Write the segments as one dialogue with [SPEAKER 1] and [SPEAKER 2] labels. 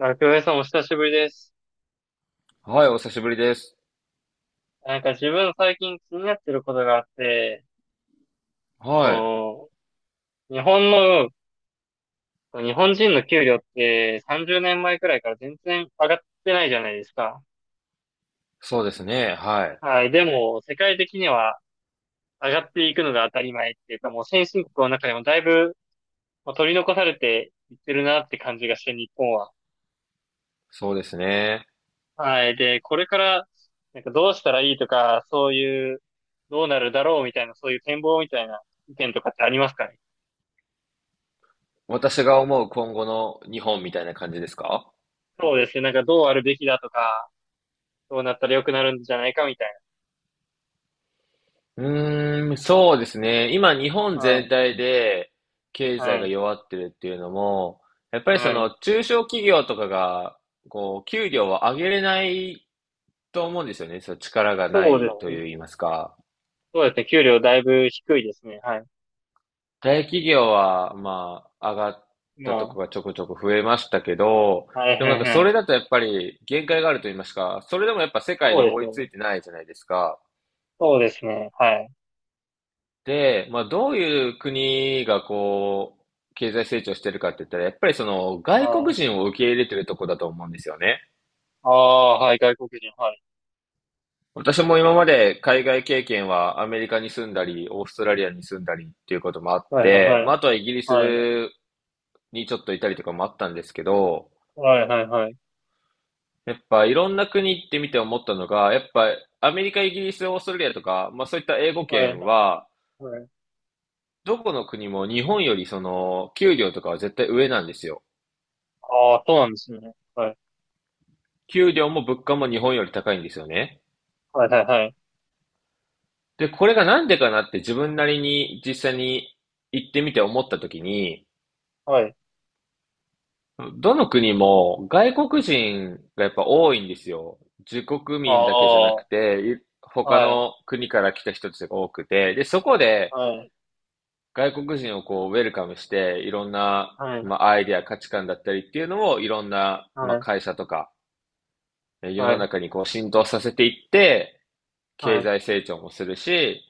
[SPEAKER 1] あ、久米さんお久しぶりです。
[SPEAKER 2] はい、お久しぶりです。
[SPEAKER 1] なんか自分最近気になってることがあって、
[SPEAKER 2] はい。
[SPEAKER 1] その、日本の、日本人の給料って30年前くらいから全然上がってないじゃないですか。
[SPEAKER 2] そうですね。はい。
[SPEAKER 1] はい。でも、世界的には上がっていくのが当たり前っていうか、もう先進国の中でもだいぶもう取り残されていってるなって感じがして、日本は。
[SPEAKER 2] そうですね。
[SPEAKER 1] はい。で、これから、なんかどうしたらいいとか、そういう、どうなるだろうみたいな、そういう展望みたいな意見とかってありますかね。
[SPEAKER 2] 私が思う今後の日本みたいな感じですか？
[SPEAKER 1] そうですね。なんかどうあるべきだとか、どうなったら良くなるんじゃないかみたい
[SPEAKER 2] うーん、そうですね。今、日本
[SPEAKER 1] な。は
[SPEAKER 2] 全
[SPEAKER 1] い。
[SPEAKER 2] 体で経
[SPEAKER 1] は
[SPEAKER 2] 済が
[SPEAKER 1] い。
[SPEAKER 2] 弱ってるっていうのも、やっぱりそ
[SPEAKER 1] はい。
[SPEAKER 2] の中小企業とかが、こう、給料を上げれないと思うんですよね。そう、力がな
[SPEAKER 1] そうで
[SPEAKER 2] いと
[SPEAKER 1] すね。
[SPEAKER 2] 言いますか。
[SPEAKER 1] そうですね。給料だいぶ低いですね。はい。
[SPEAKER 2] 大企業は、まあ、上がっ
[SPEAKER 1] ま
[SPEAKER 2] たとこがちょこちょこ増えましたけど、
[SPEAKER 1] あ、はい
[SPEAKER 2] でもな
[SPEAKER 1] は
[SPEAKER 2] ん
[SPEAKER 1] い
[SPEAKER 2] か
[SPEAKER 1] は
[SPEAKER 2] そ
[SPEAKER 1] い。
[SPEAKER 2] れだとやっぱり限界があると言いますか、それでもやっぱ世界
[SPEAKER 1] そ
[SPEAKER 2] に
[SPEAKER 1] うで
[SPEAKER 2] 追
[SPEAKER 1] す
[SPEAKER 2] いつ
[SPEAKER 1] ね。
[SPEAKER 2] いてないじゃないですか。
[SPEAKER 1] そうですね。はい。
[SPEAKER 2] で、まあどういう国がこう、経済成長してるかって言ったら、やっぱりその外
[SPEAKER 1] は
[SPEAKER 2] 国人
[SPEAKER 1] い。
[SPEAKER 2] を受け入れてるとこだと思うんですよね。
[SPEAKER 1] ああ、はい。外国人。はい。
[SPEAKER 2] 私も今まで海外経験はアメリカに住んだり、オーストラリアに住んだりっていうこともあっ
[SPEAKER 1] はいはいは
[SPEAKER 2] て、まああとはイギリ
[SPEAKER 1] い。はい。
[SPEAKER 2] スにちょっといたりとかもあったんですけど、
[SPEAKER 1] はいはいはい。
[SPEAKER 2] やっぱいろんな国行ってみて思ったのが、やっぱアメリカ、イギリス、オーストラリアとか、まあそういった英語
[SPEAKER 1] はい。
[SPEAKER 2] 圏は、
[SPEAKER 1] はい。
[SPEAKER 2] どこの国も日本よりその給料とかは絶対上なんですよ。
[SPEAKER 1] ああ、そうなんですね。はい。
[SPEAKER 2] 給料も物価も日本より高いんですよね。
[SPEAKER 1] はいはいはい。
[SPEAKER 2] で、これがなんでかなって自分なりに実際に行ってみて思った時に、
[SPEAKER 1] はい。
[SPEAKER 2] どの国も外国人がやっぱ多いんですよ。自国
[SPEAKER 1] あ
[SPEAKER 2] 民だけじゃなくて、い
[SPEAKER 1] あ、
[SPEAKER 2] 他
[SPEAKER 1] はい。
[SPEAKER 2] の国から来た人たちが多くて、で、そこで、
[SPEAKER 1] はい。
[SPEAKER 2] 外国人をこう、ウェルカムして、いろんな、
[SPEAKER 1] はい。
[SPEAKER 2] まあ、アイデア、価値観だったりっていうのを、いろんな、
[SPEAKER 1] は
[SPEAKER 2] まあ、
[SPEAKER 1] い。
[SPEAKER 2] 会社とか、え世
[SPEAKER 1] は
[SPEAKER 2] の
[SPEAKER 1] い。
[SPEAKER 2] 中にこう、浸透させていって、経
[SPEAKER 1] はい。
[SPEAKER 2] 済成長もするし、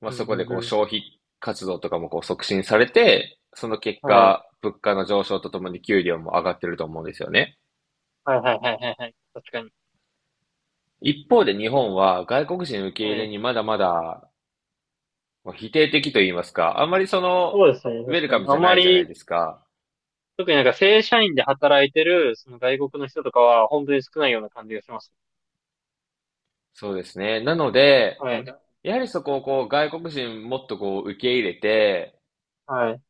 [SPEAKER 2] まあ、
[SPEAKER 1] う
[SPEAKER 2] そ
[SPEAKER 1] ん
[SPEAKER 2] こ
[SPEAKER 1] う
[SPEAKER 2] で
[SPEAKER 1] ん
[SPEAKER 2] こう、
[SPEAKER 1] うん。
[SPEAKER 2] 消費活動とかもこう、促進されて、その結
[SPEAKER 1] はい。
[SPEAKER 2] 果、物価の上昇とともに給料も上がってると思うんですよね。
[SPEAKER 1] はいはいはいはいはい。確かに。
[SPEAKER 2] 一方で日本は外国人受け
[SPEAKER 1] は
[SPEAKER 2] 入れ
[SPEAKER 1] い。
[SPEAKER 2] にまだまだまあ否定的と言いますか、あんまりその、
[SPEAKER 1] そうですね、
[SPEAKER 2] ウェ
[SPEAKER 1] 確
[SPEAKER 2] ル
[SPEAKER 1] か
[SPEAKER 2] カ
[SPEAKER 1] に。
[SPEAKER 2] ム
[SPEAKER 1] あ
[SPEAKER 2] じゃな
[SPEAKER 1] ま
[SPEAKER 2] いじゃな
[SPEAKER 1] り、
[SPEAKER 2] いですか。
[SPEAKER 1] 特になんか正社員で働いてる、その外国の人とかは、本当に少ないような感じがします。
[SPEAKER 2] そうですね。なので、
[SPEAKER 1] はい。
[SPEAKER 2] やはりそこをこう外国人もっとこう受け入れて、
[SPEAKER 1] はい。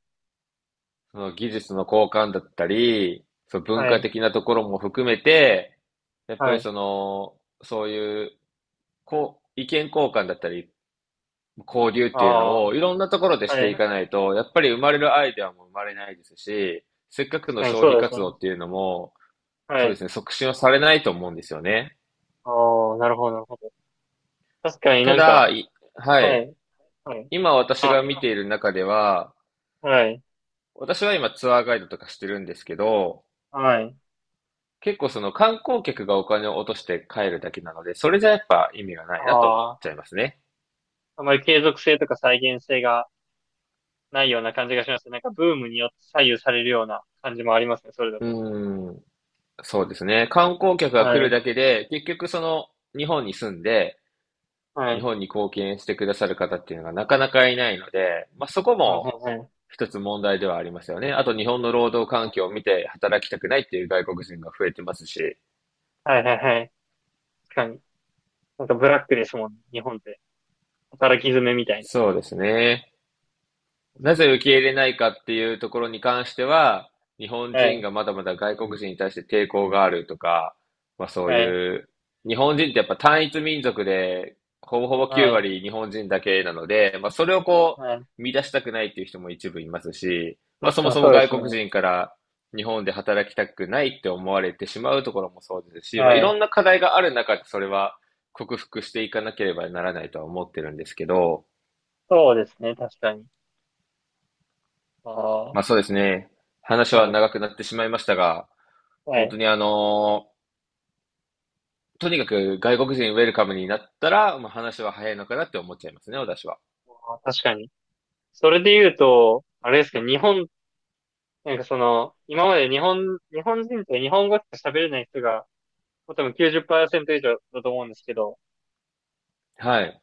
[SPEAKER 2] その技術の交換だったり、その文
[SPEAKER 1] は
[SPEAKER 2] 化
[SPEAKER 1] い。
[SPEAKER 2] 的なところも含めて、やっぱ
[SPEAKER 1] は
[SPEAKER 2] り
[SPEAKER 1] い。
[SPEAKER 2] その、そういうこう意見交換だったり、交流っ
[SPEAKER 1] あ
[SPEAKER 2] ていうのをいろんなところで
[SPEAKER 1] あ、
[SPEAKER 2] し
[SPEAKER 1] は
[SPEAKER 2] ていか
[SPEAKER 1] い。
[SPEAKER 2] ないと、やっぱり生まれるアイデアも生まれないですし、せっかく
[SPEAKER 1] 確
[SPEAKER 2] の
[SPEAKER 1] かに
[SPEAKER 2] 消
[SPEAKER 1] そう
[SPEAKER 2] 費
[SPEAKER 1] ですね。
[SPEAKER 2] 活動っていうのも、
[SPEAKER 1] は
[SPEAKER 2] そうで
[SPEAKER 1] い。
[SPEAKER 2] すね、促進はされないと思うんですよね。
[SPEAKER 1] ああ、なるほど、なるほど。確かに
[SPEAKER 2] た
[SPEAKER 1] なんか、
[SPEAKER 2] だ、いは
[SPEAKER 1] は
[SPEAKER 2] い。
[SPEAKER 1] い。はい。
[SPEAKER 2] 今私
[SPEAKER 1] あ、
[SPEAKER 2] が見ている中では、
[SPEAKER 1] はい。
[SPEAKER 2] 私は今ツアーガイドとかしてるんですけど、
[SPEAKER 1] はい。
[SPEAKER 2] 結構その観光客がお金を落として帰るだけなので、それじゃやっぱ意味がないなと思っ
[SPEAKER 1] あ
[SPEAKER 2] ちゃ
[SPEAKER 1] あ、
[SPEAKER 2] いますね。
[SPEAKER 1] あまり継続性とか再現性がないような感じがしますね。なんかブームによって左右されるような感じもありますね、それだ
[SPEAKER 2] う
[SPEAKER 1] と。
[SPEAKER 2] ーん、そうですね。観光客が来
[SPEAKER 1] は
[SPEAKER 2] る
[SPEAKER 1] い。
[SPEAKER 2] だけで、結局その日本に住んで、
[SPEAKER 1] は
[SPEAKER 2] 日
[SPEAKER 1] い。
[SPEAKER 2] 本に貢献してくださる方っていうのがなかなかいないので、まあそこ
[SPEAKER 1] はい、
[SPEAKER 2] も
[SPEAKER 1] はい、はい。
[SPEAKER 2] 一つ問題ではありますよね。あと日本の労働環境を見て働きたくないっていう外国人が増えてますし。
[SPEAKER 1] はい、はい、はい。確かに。なんかブラックですもんね、日本って。働き詰めみたい
[SPEAKER 2] そうですね。なぜ受け入れないかっていうところに関しては、日本
[SPEAKER 1] な。は
[SPEAKER 2] 人
[SPEAKER 1] い、
[SPEAKER 2] がまだまだ外国人に対して抵抗があるとか、まあそう
[SPEAKER 1] はい、
[SPEAKER 2] いう、日本人ってやっぱ単一民族で、ほぼほぼ
[SPEAKER 1] は
[SPEAKER 2] 9
[SPEAKER 1] い、
[SPEAKER 2] 割日本人だけなので、まあそれをこ
[SPEAKER 1] はい。
[SPEAKER 2] う、乱したくないっていう人も一部いますし、まあ
[SPEAKER 1] 確
[SPEAKER 2] そ
[SPEAKER 1] か
[SPEAKER 2] も
[SPEAKER 1] に
[SPEAKER 2] そも
[SPEAKER 1] そうで
[SPEAKER 2] 外
[SPEAKER 1] すね。
[SPEAKER 2] 国人から日本で働きたくないって思われてしまうところもそうですし、まあい
[SPEAKER 1] は
[SPEAKER 2] ろ
[SPEAKER 1] い。
[SPEAKER 2] んな課題がある中でそれは克服していかなければならないとは思ってるんですけど、
[SPEAKER 1] そうですね、確かに。あ
[SPEAKER 2] まあ
[SPEAKER 1] あ、
[SPEAKER 2] そうですね。話
[SPEAKER 1] は
[SPEAKER 2] は
[SPEAKER 1] い、
[SPEAKER 2] 長くなってしまいましたが、
[SPEAKER 1] は
[SPEAKER 2] 本当
[SPEAKER 1] い。
[SPEAKER 2] にとにかく外国人ウェルカムになったら、まあ、話は早いのかなって思っちゃいますね、私は。
[SPEAKER 1] あー確かに。それで言うと、あれですけど、日本、なんかその、今まで日本、日本人って日本語しか喋れない人が、もう多分90%以上だと思うんですけど、
[SPEAKER 2] はい。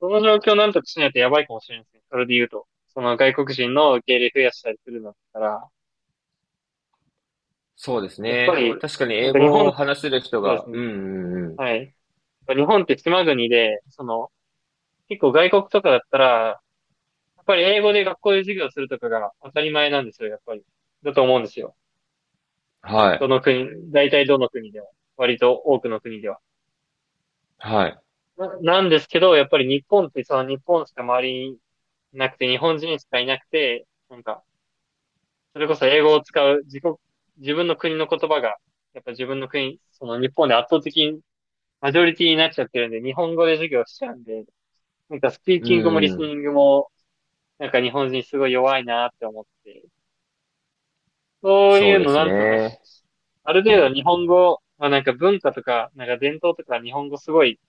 [SPEAKER 1] その状況をなんとかしないとやばいかもしれないですね。それで言うと。その外国人の受け入れ増やしたりするのだったら、
[SPEAKER 2] そうです
[SPEAKER 1] やっぱり、
[SPEAKER 2] ね。
[SPEAKER 1] そうです
[SPEAKER 2] 確か
[SPEAKER 1] ね
[SPEAKER 2] に
[SPEAKER 1] なん
[SPEAKER 2] 英
[SPEAKER 1] か日
[SPEAKER 2] 語
[SPEAKER 1] 本、
[SPEAKER 2] を話せる人
[SPEAKER 1] そうで
[SPEAKER 2] が、
[SPEAKER 1] す
[SPEAKER 2] う
[SPEAKER 1] ね。
[SPEAKER 2] んうんうん。
[SPEAKER 1] はい。日本って島国で、その、結構外国とかだったら、やっぱり英語で学校で授業するとかが当たり前なんですよ、やっぱり。だと思うんですよ。
[SPEAKER 2] は
[SPEAKER 1] ど
[SPEAKER 2] い。
[SPEAKER 1] の国、大体どの国でも割と多くの国では。
[SPEAKER 2] はい。
[SPEAKER 1] なんですけど、やっぱり日本ってその日本しか周りになくて、日本人しかいなくて、なんか、それこそ英語を使う自国、自分の国の言葉が、やっぱ自分の国、その日本で圧倒的にマジョリティになっちゃってるんで、日本語で授業しちゃうんで、なんかスピー
[SPEAKER 2] う
[SPEAKER 1] キングもリス
[SPEAKER 2] ん。
[SPEAKER 1] ニングもなんか日本人すごい弱いなって思って、そう
[SPEAKER 2] そ
[SPEAKER 1] い
[SPEAKER 2] う
[SPEAKER 1] う
[SPEAKER 2] で
[SPEAKER 1] の
[SPEAKER 2] す
[SPEAKER 1] なんとかし、
[SPEAKER 2] ね。
[SPEAKER 1] ある程度日本語、まあなんか文化とか、なんか伝統とか日本語すごい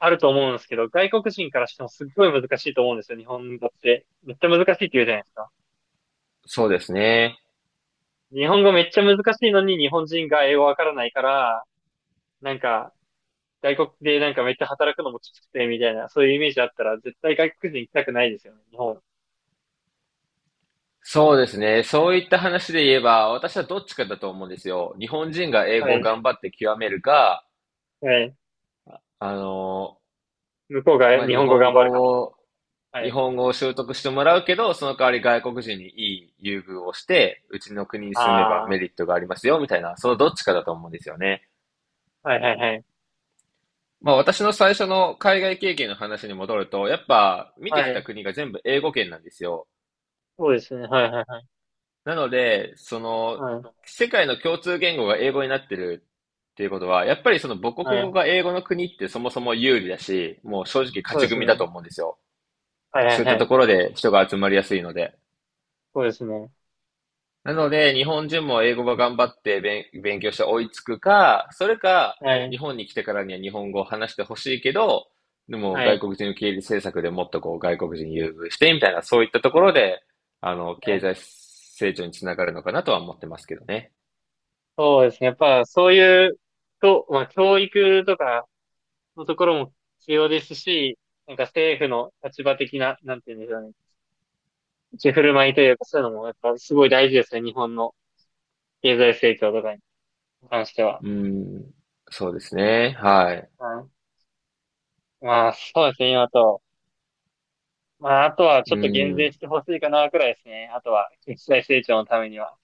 [SPEAKER 1] あると思うんですけど、外国人からしてもすっごい難しいと思うんですよ、日本語って。めっちゃ難しいって言うじゃないですか。
[SPEAKER 2] そうですね。
[SPEAKER 1] 日本語めっちゃ難しいのに日本人が英語わからないから、なんか外国でなんかめっちゃ働くのもきつくてみたいな、そういうイメージあったら絶対外国人行きたくないですよね、日本。
[SPEAKER 2] そうですね。そういった話で言えば、私はどっちかだと思うんですよ。日本人が英
[SPEAKER 1] は
[SPEAKER 2] 語を
[SPEAKER 1] い。
[SPEAKER 2] 頑張って極めるか、
[SPEAKER 1] はい。
[SPEAKER 2] あの
[SPEAKER 1] 向こうが
[SPEAKER 2] まあ、
[SPEAKER 1] 日
[SPEAKER 2] 日
[SPEAKER 1] 本語
[SPEAKER 2] 本
[SPEAKER 1] 頑張るか
[SPEAKER 2] 語を、
[SPEAKER 1] ら。は
[SPEAKER 2] 日
[SPEAKER 1] い。
[SPEAKER 2] 本語を習得してもらうけど、その代わり外国人にいい優遇をして、うちの国に住めばメ
[SPEAKER 1] ああ。
[SPEAKER 2] リットがありますよ、みたいな、そのどっちかだと思うんですよね。
[SPEAKER 1] はいはいはい。
[SPEAKER 2] まあ私の最初の海外経験の話に戻ると、やっぱ見
[SPEAKER 1] は
[SPEAKER 2] てきた
[SPEAKER 1] い。
[SPEAKER 2] 国が全部英語圏なんですよ。
[SPEAKER 1] そうですね。はいはいはい。
[SPEAKER 2] なので、その、
[SPEAKER 1] はい。
[SPEAKER 2] 世界の共通言語が英語になってるっていうことは、やっぱりその母
[SPEAKER 1] は
[SPEAKER 2] 国語
[SPEAKER 1] い。
[SPEAKER 2] が英語の国ってそもそも有利だし、もう正直
[SPEAKER 1] そ
[SPEAKER 2] 勝
[SPEAKER 1] うで
[SPEAKER 2] ち
[SPEAKER 1] す
[SPEAKER 2] 組だ
[SPEAKER 1] ね。
[SPEAKER 2] と思うんですよ。
[SPEAKER 1] はいはい
[SPEAKER 2] そういった
[SPEAKER 1] は
[SPEAKER 2] と
[SPEAKER 1] い。
[SPEAKER 2] ころで人が集まりやすいので。
[SPEAKER 1] そうですね。
[SPEAKER 2] なので、日本人も英語が頑張って勉強して追いつくか、それか、
[SPEAKER 1] はい。
[SPEAKER 2] 日本に来てからには日本語を話してほしいけど、でも
[SPEAKER 1] は
[SPEAKER 2] 外
[SPEAKER 1] い。
[SPEAKER 2] 国人受け入れ政策でもっとこう外国人優遇してみたいな、そういったところで、
[SPEAKER 1] は
[SPEAKER 2] 経
[SPEAKER 1] い。
[SPEAKER 2] 済成長につながるのかなとは思ってますけどね。
[SPEAKER 1] そうですね。やっぱそういう、と、まあ教育とかのところも必要ですし、なんか政府の立場的な、なんていうんですかね。立ち振る舞いというかそういうのもやっぱすごい大事ですね。日本の経済成長とかに関しては。
[SPEAKER 2] うん、そうですね。はい。
[SPEAKER 1] はい。まあそうですね。今と。まああとはちょ
[SPEAKER 2] う
[SPEAKER 1] っと減税
[SPEAKER 2] ん、
[SPEAKER 1] してほしいかなくらいですね。あとは経済成長のためには。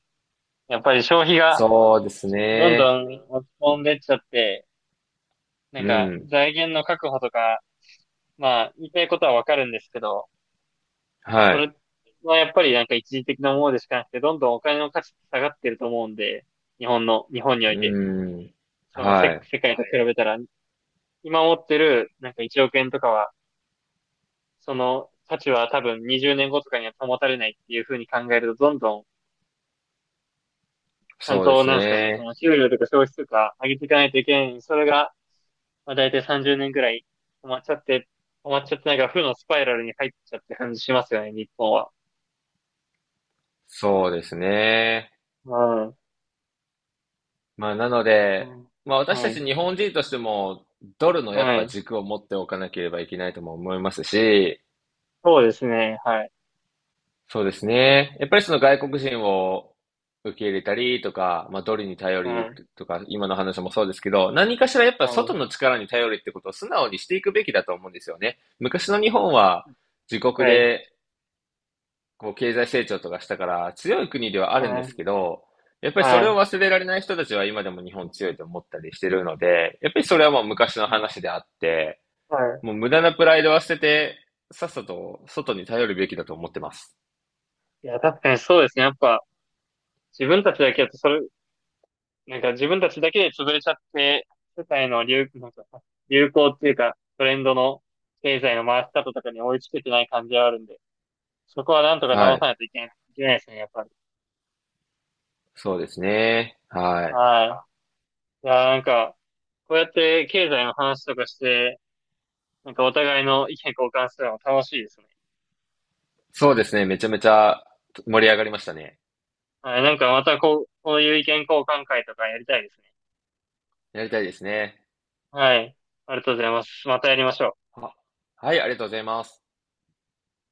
[SPEAKER 1] やっぱり消費が
[SPEAKER 2] そうです
[SPEAKER 1] どん
[SPEAKER 2] ね。
[SPEAKER 1] どん落ち込んでっちゃって、なん
[SPEAKER 2] う
[SPEAKER 1] か
[SPEAKER 2] ん、
[SPEAKER 1] 財源の確保とか、まあ言いたいことはわかるんですけど、そ
[SPEAKER 2] はい。
[SPEAKER 1] れはやっぱりなんか一時的なものでしかなくて、どんどんお金の価値って下がってると思うんで、日本の、日本において、
[SPEAKER 2] うん、
[SPEAKER 1] その
[SPEAKER 2] は
[SPEAKER 1] 世、
[SPEAKER 2] い。
[SPEAKER 1] 世界と比べたら、今持ってるなんか1億円とかは、その価値は多分20年後とかには保たれないっていうふうに考えると、どんどんちゃん
[SPEAKER 2] そうで
[SPEAKER 1] と、
[SPEAKER 2] す
[SPEAKER 1] なんですかね、そ
[SPEAKER 2] ね。
[SPEAKER 1] の給料とか消費とか上げていかないといけないのに、それがまあ、大体30年ぐらい止まっちゃって、なんか負のスパイラルに入っちゃって感じしますよね、日本は。
[SPEAKER 2] そうですね。
[SPEAKER 1] うん。
[SPEAKER 2] まあ、なの
[SPEAKER 1] う
[SPEAKER 2] で、
[SPEAKER 1] ん。
[SPEAKER 2] まあ、私
[SPEAKER 1] は
[SPEAKER 2] た
[SPEAKER 1] い。
[SPEAKER 2] ち日本人としても、ドルのやっ
[SPEAKER 1] は
[SPEAKER 2] ぱ
[SPEAKER 1] い。
[SPEAKER 2] 軸を持っておかなければいけないとも思いますし、
[SPEAKER 1] そうですね。はい。
[SPEAKER 2] そうですね。やっぱりその外国人を受け入れたりとか、まあ、ドルに頼
[SPEAKER 1] う
[SPEAKER 2] り
[SPEAKER 1] ん。
[SPEAKER 2] とか、今の話もそうですけど、何かしらやっぱ
[SPEAKER 1] はい。
[SPEAKER 2] 外の力に頼りってことを素直にしていくべきだと思うんですよね。昔の日本は自国
[SPEAKER 1] はい。
[SPEAKER 2] でこう経済成長とかしたから強い国ではあるんで
[SPEAKER 1] は
[SPEAKER 2] す
[SPEAKER 1] い。
[SPEAKER 2] けど、やっぱりそ
[SPEAKER 1] は
[SPEAKER 2] れを
[SPEAKER 1] い。
[SPEAKER 2] 忘れられない人たちは今でも日本強いと思ったりしてるので、やっぱりそれはもう昔の
[SPEAKER 1] うん
[SPEAKER 2] 話であって、
[SPEAKER 1] はい。
[SPEAKER 2] もう無駄なプライドは捨てて、さっさと外に頼るべきだと思ってます。
[SPEAKER 1] いや、確かにそうですね。やっぱ、自分たちだけだと、それ、なんか自分たちだけで潰れちゃって、世界の流、なんか、流行っていうか、トレンドの経済の回し方とかに追いつけてない感じはあるんで、そこはなんとか
[SPEAKER 2] は
[SPEAKER 1] 直さ
[SPEAKER 2] い。
[SPEAKER 1] ないといけないですね、やっぱり。
[SPEAKER 2] そうですね。はい。
[SPEAKER 1] はい。いやー、なんか、こうやって経済の話とかして、なんかお互いの意見交換するの楽しいですね。
[SPEAKER 2] そうですね。めちゃめちゃ盛り上がりましたね。
[SPEAKER 1] はい、なんかまたこう、こういう意見交換会とかやりたいですね。
[SPEAKER 2] やりたいですね。
[SPEAKER 1] はい、ありがとうございます。またやりましょう。
[SPEAKER 2] は、はい、ありがとうございます。